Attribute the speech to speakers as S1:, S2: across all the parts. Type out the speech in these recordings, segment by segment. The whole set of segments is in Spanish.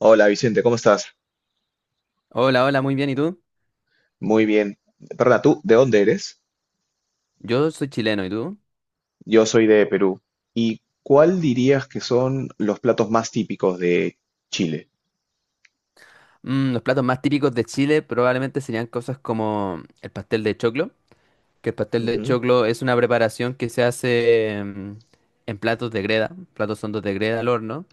S1: Hola Vicente, ¿cómo estás?
S2: Hola, hola, muy bien. ¿Y tú?
S1: Muy bien. Perdona, ¿tú de dónde eres?
S2: Yo soy chileno, ¿y tú?
S1: Yo soy de Perú. ¿Y cuál dirías que son los platos más típicos de Chile?
S2: Los platos más típicos de Chile probablemente serían cosas como el pastel de choclo, que el pastel de
S1: Ujú.
S2: choclo es una preparación que se hace en platos de greda, platos hondos de greda al horno,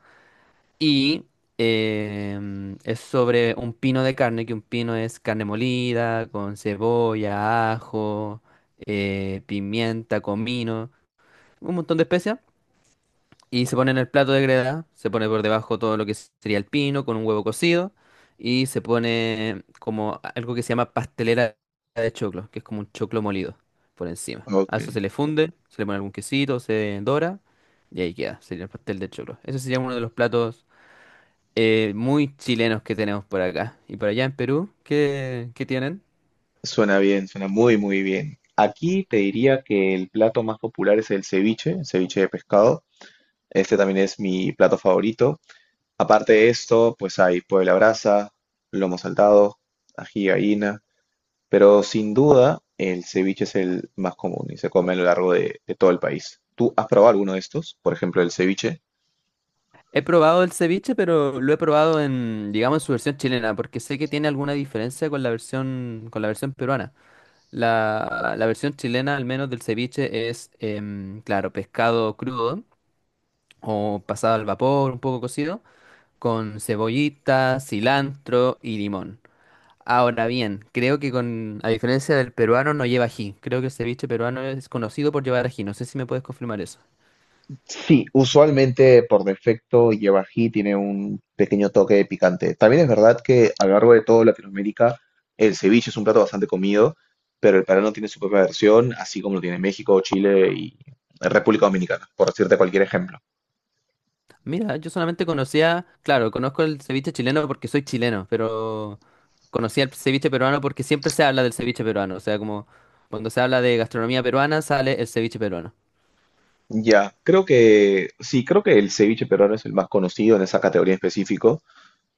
S2: y es sobre un pino de carne, que un pino es carne molida, con cebolla, ajo, pimienta, comino, un montón de especias. Y se pone en el plato de greda, se pone por debajo todo lo que sería el pino con un huevo cocido y se pone como algo que se llama pastelera de choclo, que es como un choclo molido por encima.
S1: Ok,
S2: A eso se le funde, se le pone algún quesito, se dora y ahí queda, sería el pastel de choclo. Ese sería uno de los platos muy chilenos que tenemos por acá. Y por allá en Perú, ¿qué tienen?
S1: suena bien, suena muy, muy bien. Aquí te diría que el plato más popular es el ceviche de pescado. Este también es mi plato favorito. Aparte de esto, pues hay puebla brasa, lomo saltado, ají de gallina. Pero sin duda, el ceviche es el más común y se come a lo largo de todo el país. ¿Tú has probado alguno de estos? Por ejemplo, el ceviche.
S2: He probado el ceviche, pero lo he probado en, digamos, en su versión chilena, porque sé que tiene alguna diferencia con la versión peruana. La versión chilena, al menos del ceviche, es, claro, pescado crudo o pasado al vapor, un poco cocido, con cebollita, cilantro y limón. Ahora bien, creo que con, a diferencia del peruano, no lleva ají. Creo que el ceviche peruano es conocido por llevar ají. No sé si me puedes confirmar eso.
S1: Sí, usualmente por defecto lleva ají, tiene un pequeño toque de picante. También es verdad que a lo largo de toda Latinoamérica el ceviche es un plato bastante comido, pero el peruano tiene su propia versión, así como lo tiene México, Chile y República Dominicana, por decirte cualquier ejemplo.
S2: Mira, yo solamente conocía, claro, conozco el ceviche chileno porque soy chileno, pero conocía el ceviche peruano porque siempre se habla del ceviche peruano. O sea, como cuando se habla de gastronomía peruana, sale el ceviche peruano.
S1: Ya, creo que sí, creo que el ceviche peruano es el más conocido en esa categoría específica.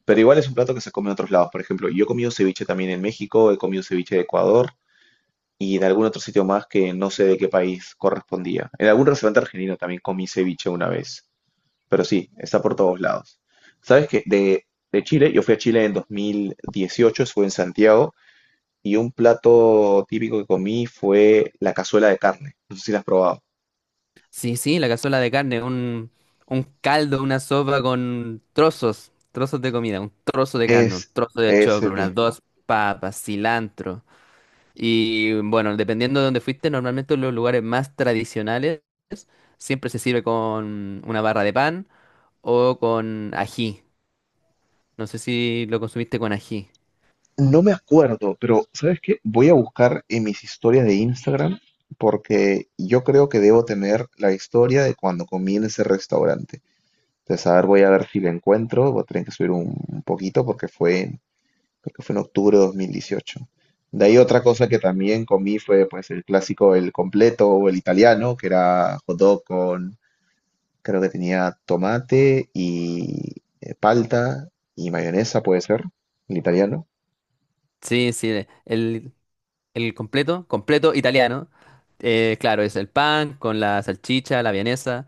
S1: Pero igual es un plato que se come en otros lados. Por ejemplo, yo he comido ceviche también en México, he comido ceviche de Ecuador y en algún otro sitio más que no sé de qué país correspondía. En algún restaurante argentino también comí ceviche una vez. Pero sí, está por todos lados. ¿Sabes qué? De Chile, yo fui a Chile en 2018, estuve en Santiago y un plato típico que comí fue la cazuela de carne. No sé si la has probado.
S2: Sí, sí, la cazuela de carne, un caldo, una sopa con trozos, trozos de comida, un trozo de carne, un
S1: Es
S2: trozo de
S1: ese
S2: choclo, unas
S1: mismo.
S2: dos papas, cilantro. Y bueno, dependiendo de dónde fuiste, normalmente en los lugares más tradicionales siempre se sirve con una barra de pan o con ají. No sé si lo consumiste con ají.
S1: No me acuerdo, pero ¿sabes qué? Voy a buscar en mis historias de Instagram porque yo creo que debo tener la historia de cuando comí en ese restaurante. Entonces, a ver, voy a ver si la encuentro. Voy a tener que subir un poquito porque creo que fue en octubre de 2018. De ahí otra cosa que también comí fue pues el clásico, el completo o el italiano, que era hot dog con, creo que tenía tomate y palta y mayonesa, puede ser, el italiano.
S2: Sí, sí, el, El completo, completo italiano. Claro, es el pan con la salchicha, la vienesa,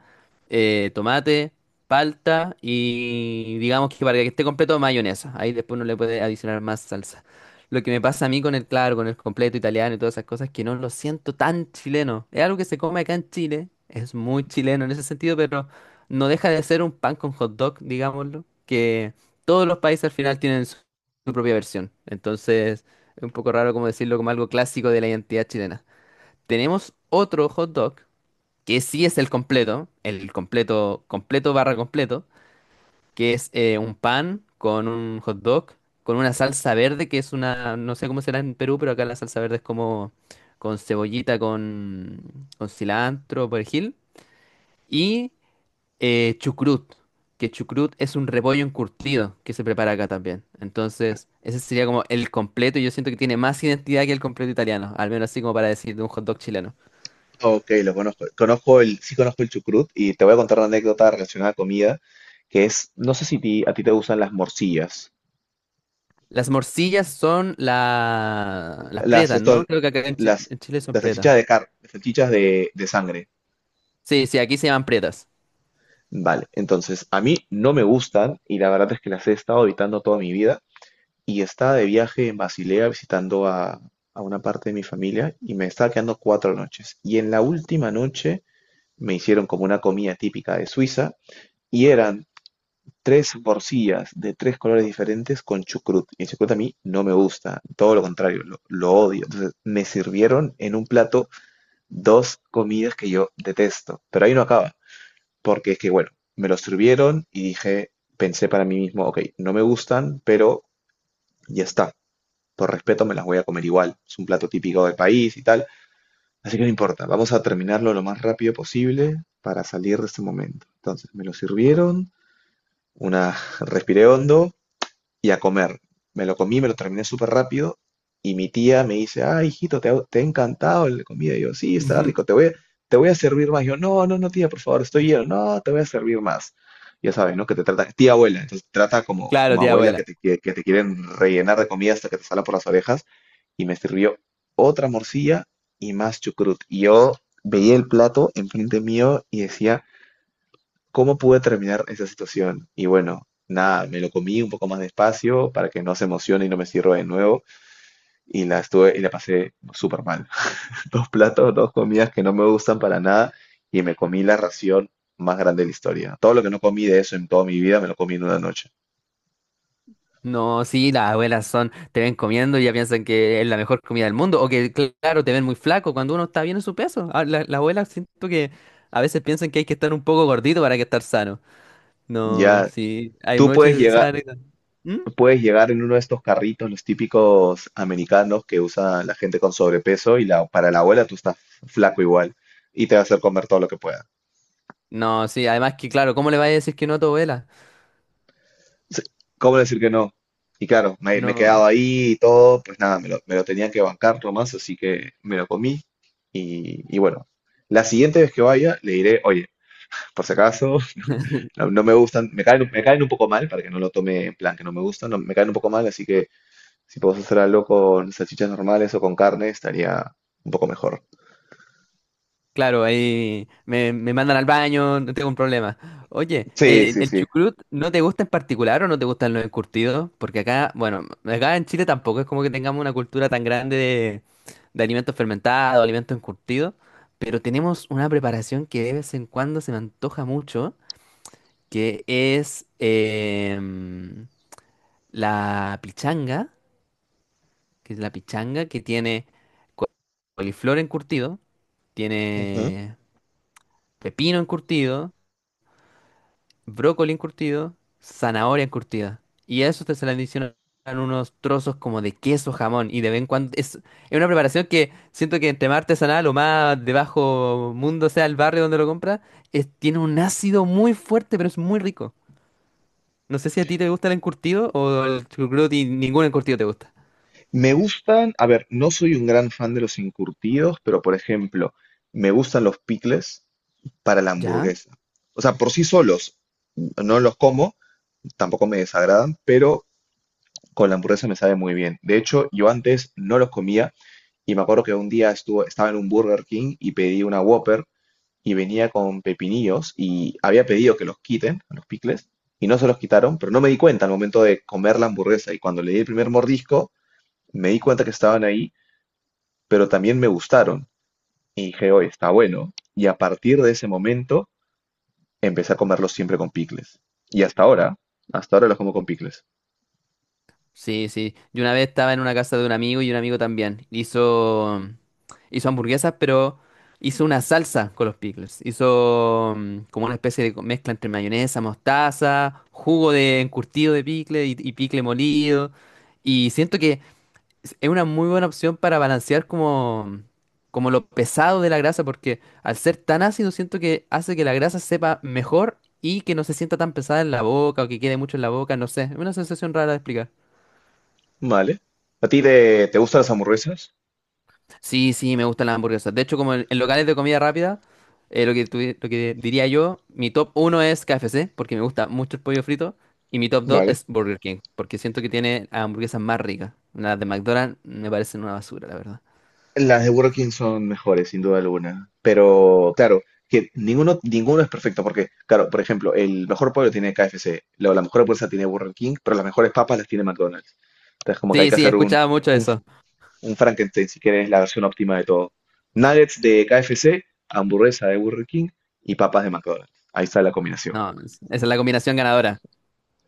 S2: tomate, palta y digamos que para que esté completo, mayonesa. Ahí después uno le puede adicionar más salsa. Lo que me pasa a mí con el claro, con el completo italiano y todas esas cosas, es que no lo siento tan chileno. Es algo que se come acá en Chile, es muy chileno en ese sentido, pero no deja de ser un pan con hot dog, digámoslo, que todos los países al final tienen su su propia versión. Entonces es un poco raro como decirlo como algo clásico de la identidad chilena. Tenemos otro hot dog, que sí es el completo, completo barra completo, que es un pan con un hot dog, con una salsa verde, que es una, no sé cómo será en Perú, pero acá la salsa verde es como con cebollita, con cilantro, perejil, y chucrut, que chucrut es un repollo encurtido que se prepara acá también. Entonces, ese sería como el completo y yo siento que tiene más identidad que el completo italiano, al menos así como para decir de un hot dog chileno.
S1: Ok, lo conozco. Conozco el, sí conozco el chucrut y te voy a contar una anécdota relacionada a comida, que es, no sé si a ti te gustan las morcillas,
S2: Las morcillas son la... las
S1: las,
S2: pretas,
S1: esto,
S2: ¿no? Creo que acá
S1: las,
S2: en Chile son
S1: las
S2: pretas.
S1: salchichas de car, las salchichas de sangre.
S2: Sí, sí, aquí se llaman pretas.
S1: Vale, entonces a mí no me gustan y la verdad es que las he estado evitando toda mi vida y estaba de viaje en Basilea visitando a una parte de mi familia y me estaba quedando 4 noches. Y en la última noche me hicieron como una comida típica de Suiza y eran tres morcillas de tres colores diferentes con chucrut. Y el chucrut a mí no me gusta, todo lo contrario, lo odio. Entonces me sirvieron en un plato dos comidas que yo detesto, pero ahí no acaba, porque es que, bueno, me lo sirvieron y dije, pensé para mí mismo, ok, no me gustan, pero ya está. Por respeto me las voy a comer igual. Es un plato típico del país y tal. Así que no importa. Vamos a terminarlo lo más rápido posible para salir de este momento. Entonces me lo sirvieron. Una respiré hondo, y a comer. Me lo comí, me lo terminé súper rápido y mi tía me dice, ah, hijito, te ha encantado la comida. Y yo, sí, está rico, te voy a servir más. Yo, no, no, no, tía, por favor, estoy lleno. No, te voy a servir más. Ya sabes, ¿no? Que te trata, tía abuela, entonces te trata como,
S2: Claro,
S1: como
S2: tía
S1: abuela que
S2: abuela.
S1: te, que te quieren rellenar de comida hasta que te sala por las orejas. Y me sirvió otra morcilla y más chucrut. Y yo veía el plato enfrente mío y decía, cómo pude terminar esa situación. Y bueno, nada, me lo comí un poco más despacio para que no se emocione y no me sirva de nuevo. Y la estuve y la pasé súper mal. Dos platos, dos comidas que no me gustan para nada y me comí la ración más grande de la historia. Todo lo que no comí de eso en toda mi vida me lo comí en una noche.
S2: No, sí, las abuelas son, te ven comiendo y ya piensan que es la mejor comida del mundo, o que, claro, te ven muy flaco cuando uno está bien en su peso. Las abuelas siento que a veces piensan que hay que estar un poco gordito para que estar sano. No,
S1: Ya,
S2: sí, hay
S1: tú
S2: muchas de esas anécdotas. ¿Mm?
S1: puedes llegar en uno de estos carritos, los típicos americanos que usa la gente con sobrepeso y la, para la abuela tú estás flaco igual y te va a hacer comer todo lo que puedas.
S2: No, sí, además que, claro, ¿cómo le vas a decir que no a tu abuela?
S1: Sí, ¿cómo decir que no? Y claro, me he
S2: No,
S1: quedado ahí y todo, pues nada, me lo tenía que bancar nomás, así que me lo comí. Y bueno, la siguiente vez que vaya le diré, oye, por si acaso, no, no me gustan, me caen un poco mal, para que no lo tome en plan que no me gustan, no, me caen un poco mal, así que si puedo hacer algo con salchichas normales o con carne, estaría un poco mejor.
S2: claro, ahí me, me mandan al baño, no tengo un problema. Oye,
S1: Sí, sí,
S2: ¿el
S1: sí.
S2: chucrut no te gusta en particular o no te gustan los encurtidos? Porque acá, bueno, acá en Chile tampoco es como que tengamos una cultura tan grande de alimentos fermentados, alimentos encurtidos, pero tenemos una preparación que de vez en cuando se me antoja mucho, que es la pichanga, que es la pichanga que tiene coliflor encurtido,
S1: Ujú.
S2: tiene pepino encurtido, brócoli encurtido, zanahoria encurtida. Y a eso te se le adicionan unos trozos como de queso jamón. Y de vez en cuando es una preparación que siento que entre más artesanal o más de bajo mundo sea el barrio donde lo compras, tiene un ácido muy fuerte, pero es muy rico. No sé si a ti te gusta el encurtido o el chucrut y ningún encurtido te gusta.
S1: Me gustan, a ver, no soy un gran fan de los encurtidos, pero por ejemplo, me gustan los picles, para la
S2: ¿Ya?
S1: hamburguesa. O sea, por sí solos no los como, tampoco me desagradan, pero con la hamburguesa me sabe muy bien. De hecho, yo antes no los comía y me acuerdo que un día estaba en un Burger King y pedí una Whopper y venía con pepinillos y había pedido que los quiten, los picles, y no se los quitaron, pero no me di cuenta al momento de comer la hamburguesa y cuando le di el primer mordisco me di cuenta que estaban ahí, pero también me gustaron y dije, oye, está bueno. Y a partir de ese momento empecé a comerlos siempre con picles. Y hasta ahora los como con picles.
S2: Sí, sí. Yo una vez estaba en una casa de un amigo y un amigo también. Hizo. Hizo hamburguesas, pero hizo una salsa con los pickles. Hizo como una especie de mezcla entre mayonesa, mostaza, jugo de encurtido de pickle y pickle molido. Y siento que es una muy buena opción para balancear como, como lo pesado de la grasa, porque al ser tan ácido siento que hace que la grasa sepa mejor y que no se sienta tan pesada en la boca o que quede mucho en la boca, no sé. Es una sensación rara de explicar.
S1: Vale. ¿A ti te, te gustan las hamburguesas?
S2: Sí, sí, me gustan las hamburguesas. De hecho, como en locales de comida rápida, lo que, lo que diría yo, mi top uno es KFC, porque me gusta mucho el pollo frito, y mi top 2
S1: Vale.
S2: es Burger King, porque siento que tiene las hamburguesas más ricas. Las de McDonald's me parecen una basura, la verdad.
S1: Las de Burger King son mejores, sin duda alguna. Pero, claro, que ninguno, ninguno es perfecto, porque, claro, por ejemplo, el mejor pollo tiene KFC, luego la mejor hamburguesa tiene Burger King, pero las mejores papas las tiene McDonald's. Entonces, como que hay
S2: Sí,
S1: que
S2: sí,
S1: hacer un,
S2: escuchaba mucho
S1: un,
S2: eso.
S1: un Frankenstein, si quieres, la versión óptima de todo. Nuggets de KFC, hamburguesa de Burger King y papas de McDonald's. Ahí está la combinación.
S2: No, esa es la combinación ganadora.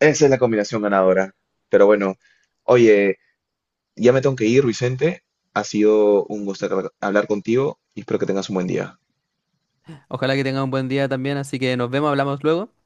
S1: Esa es la combinación ganadora. Pero bueno, oye, ya me tengo que ir, Vicente. Ha sido un gusto hablar contigo y espero que tengas un buen día.
S2: Ojalá que tengan un buen día también, así que nos vemos, hablamos luego.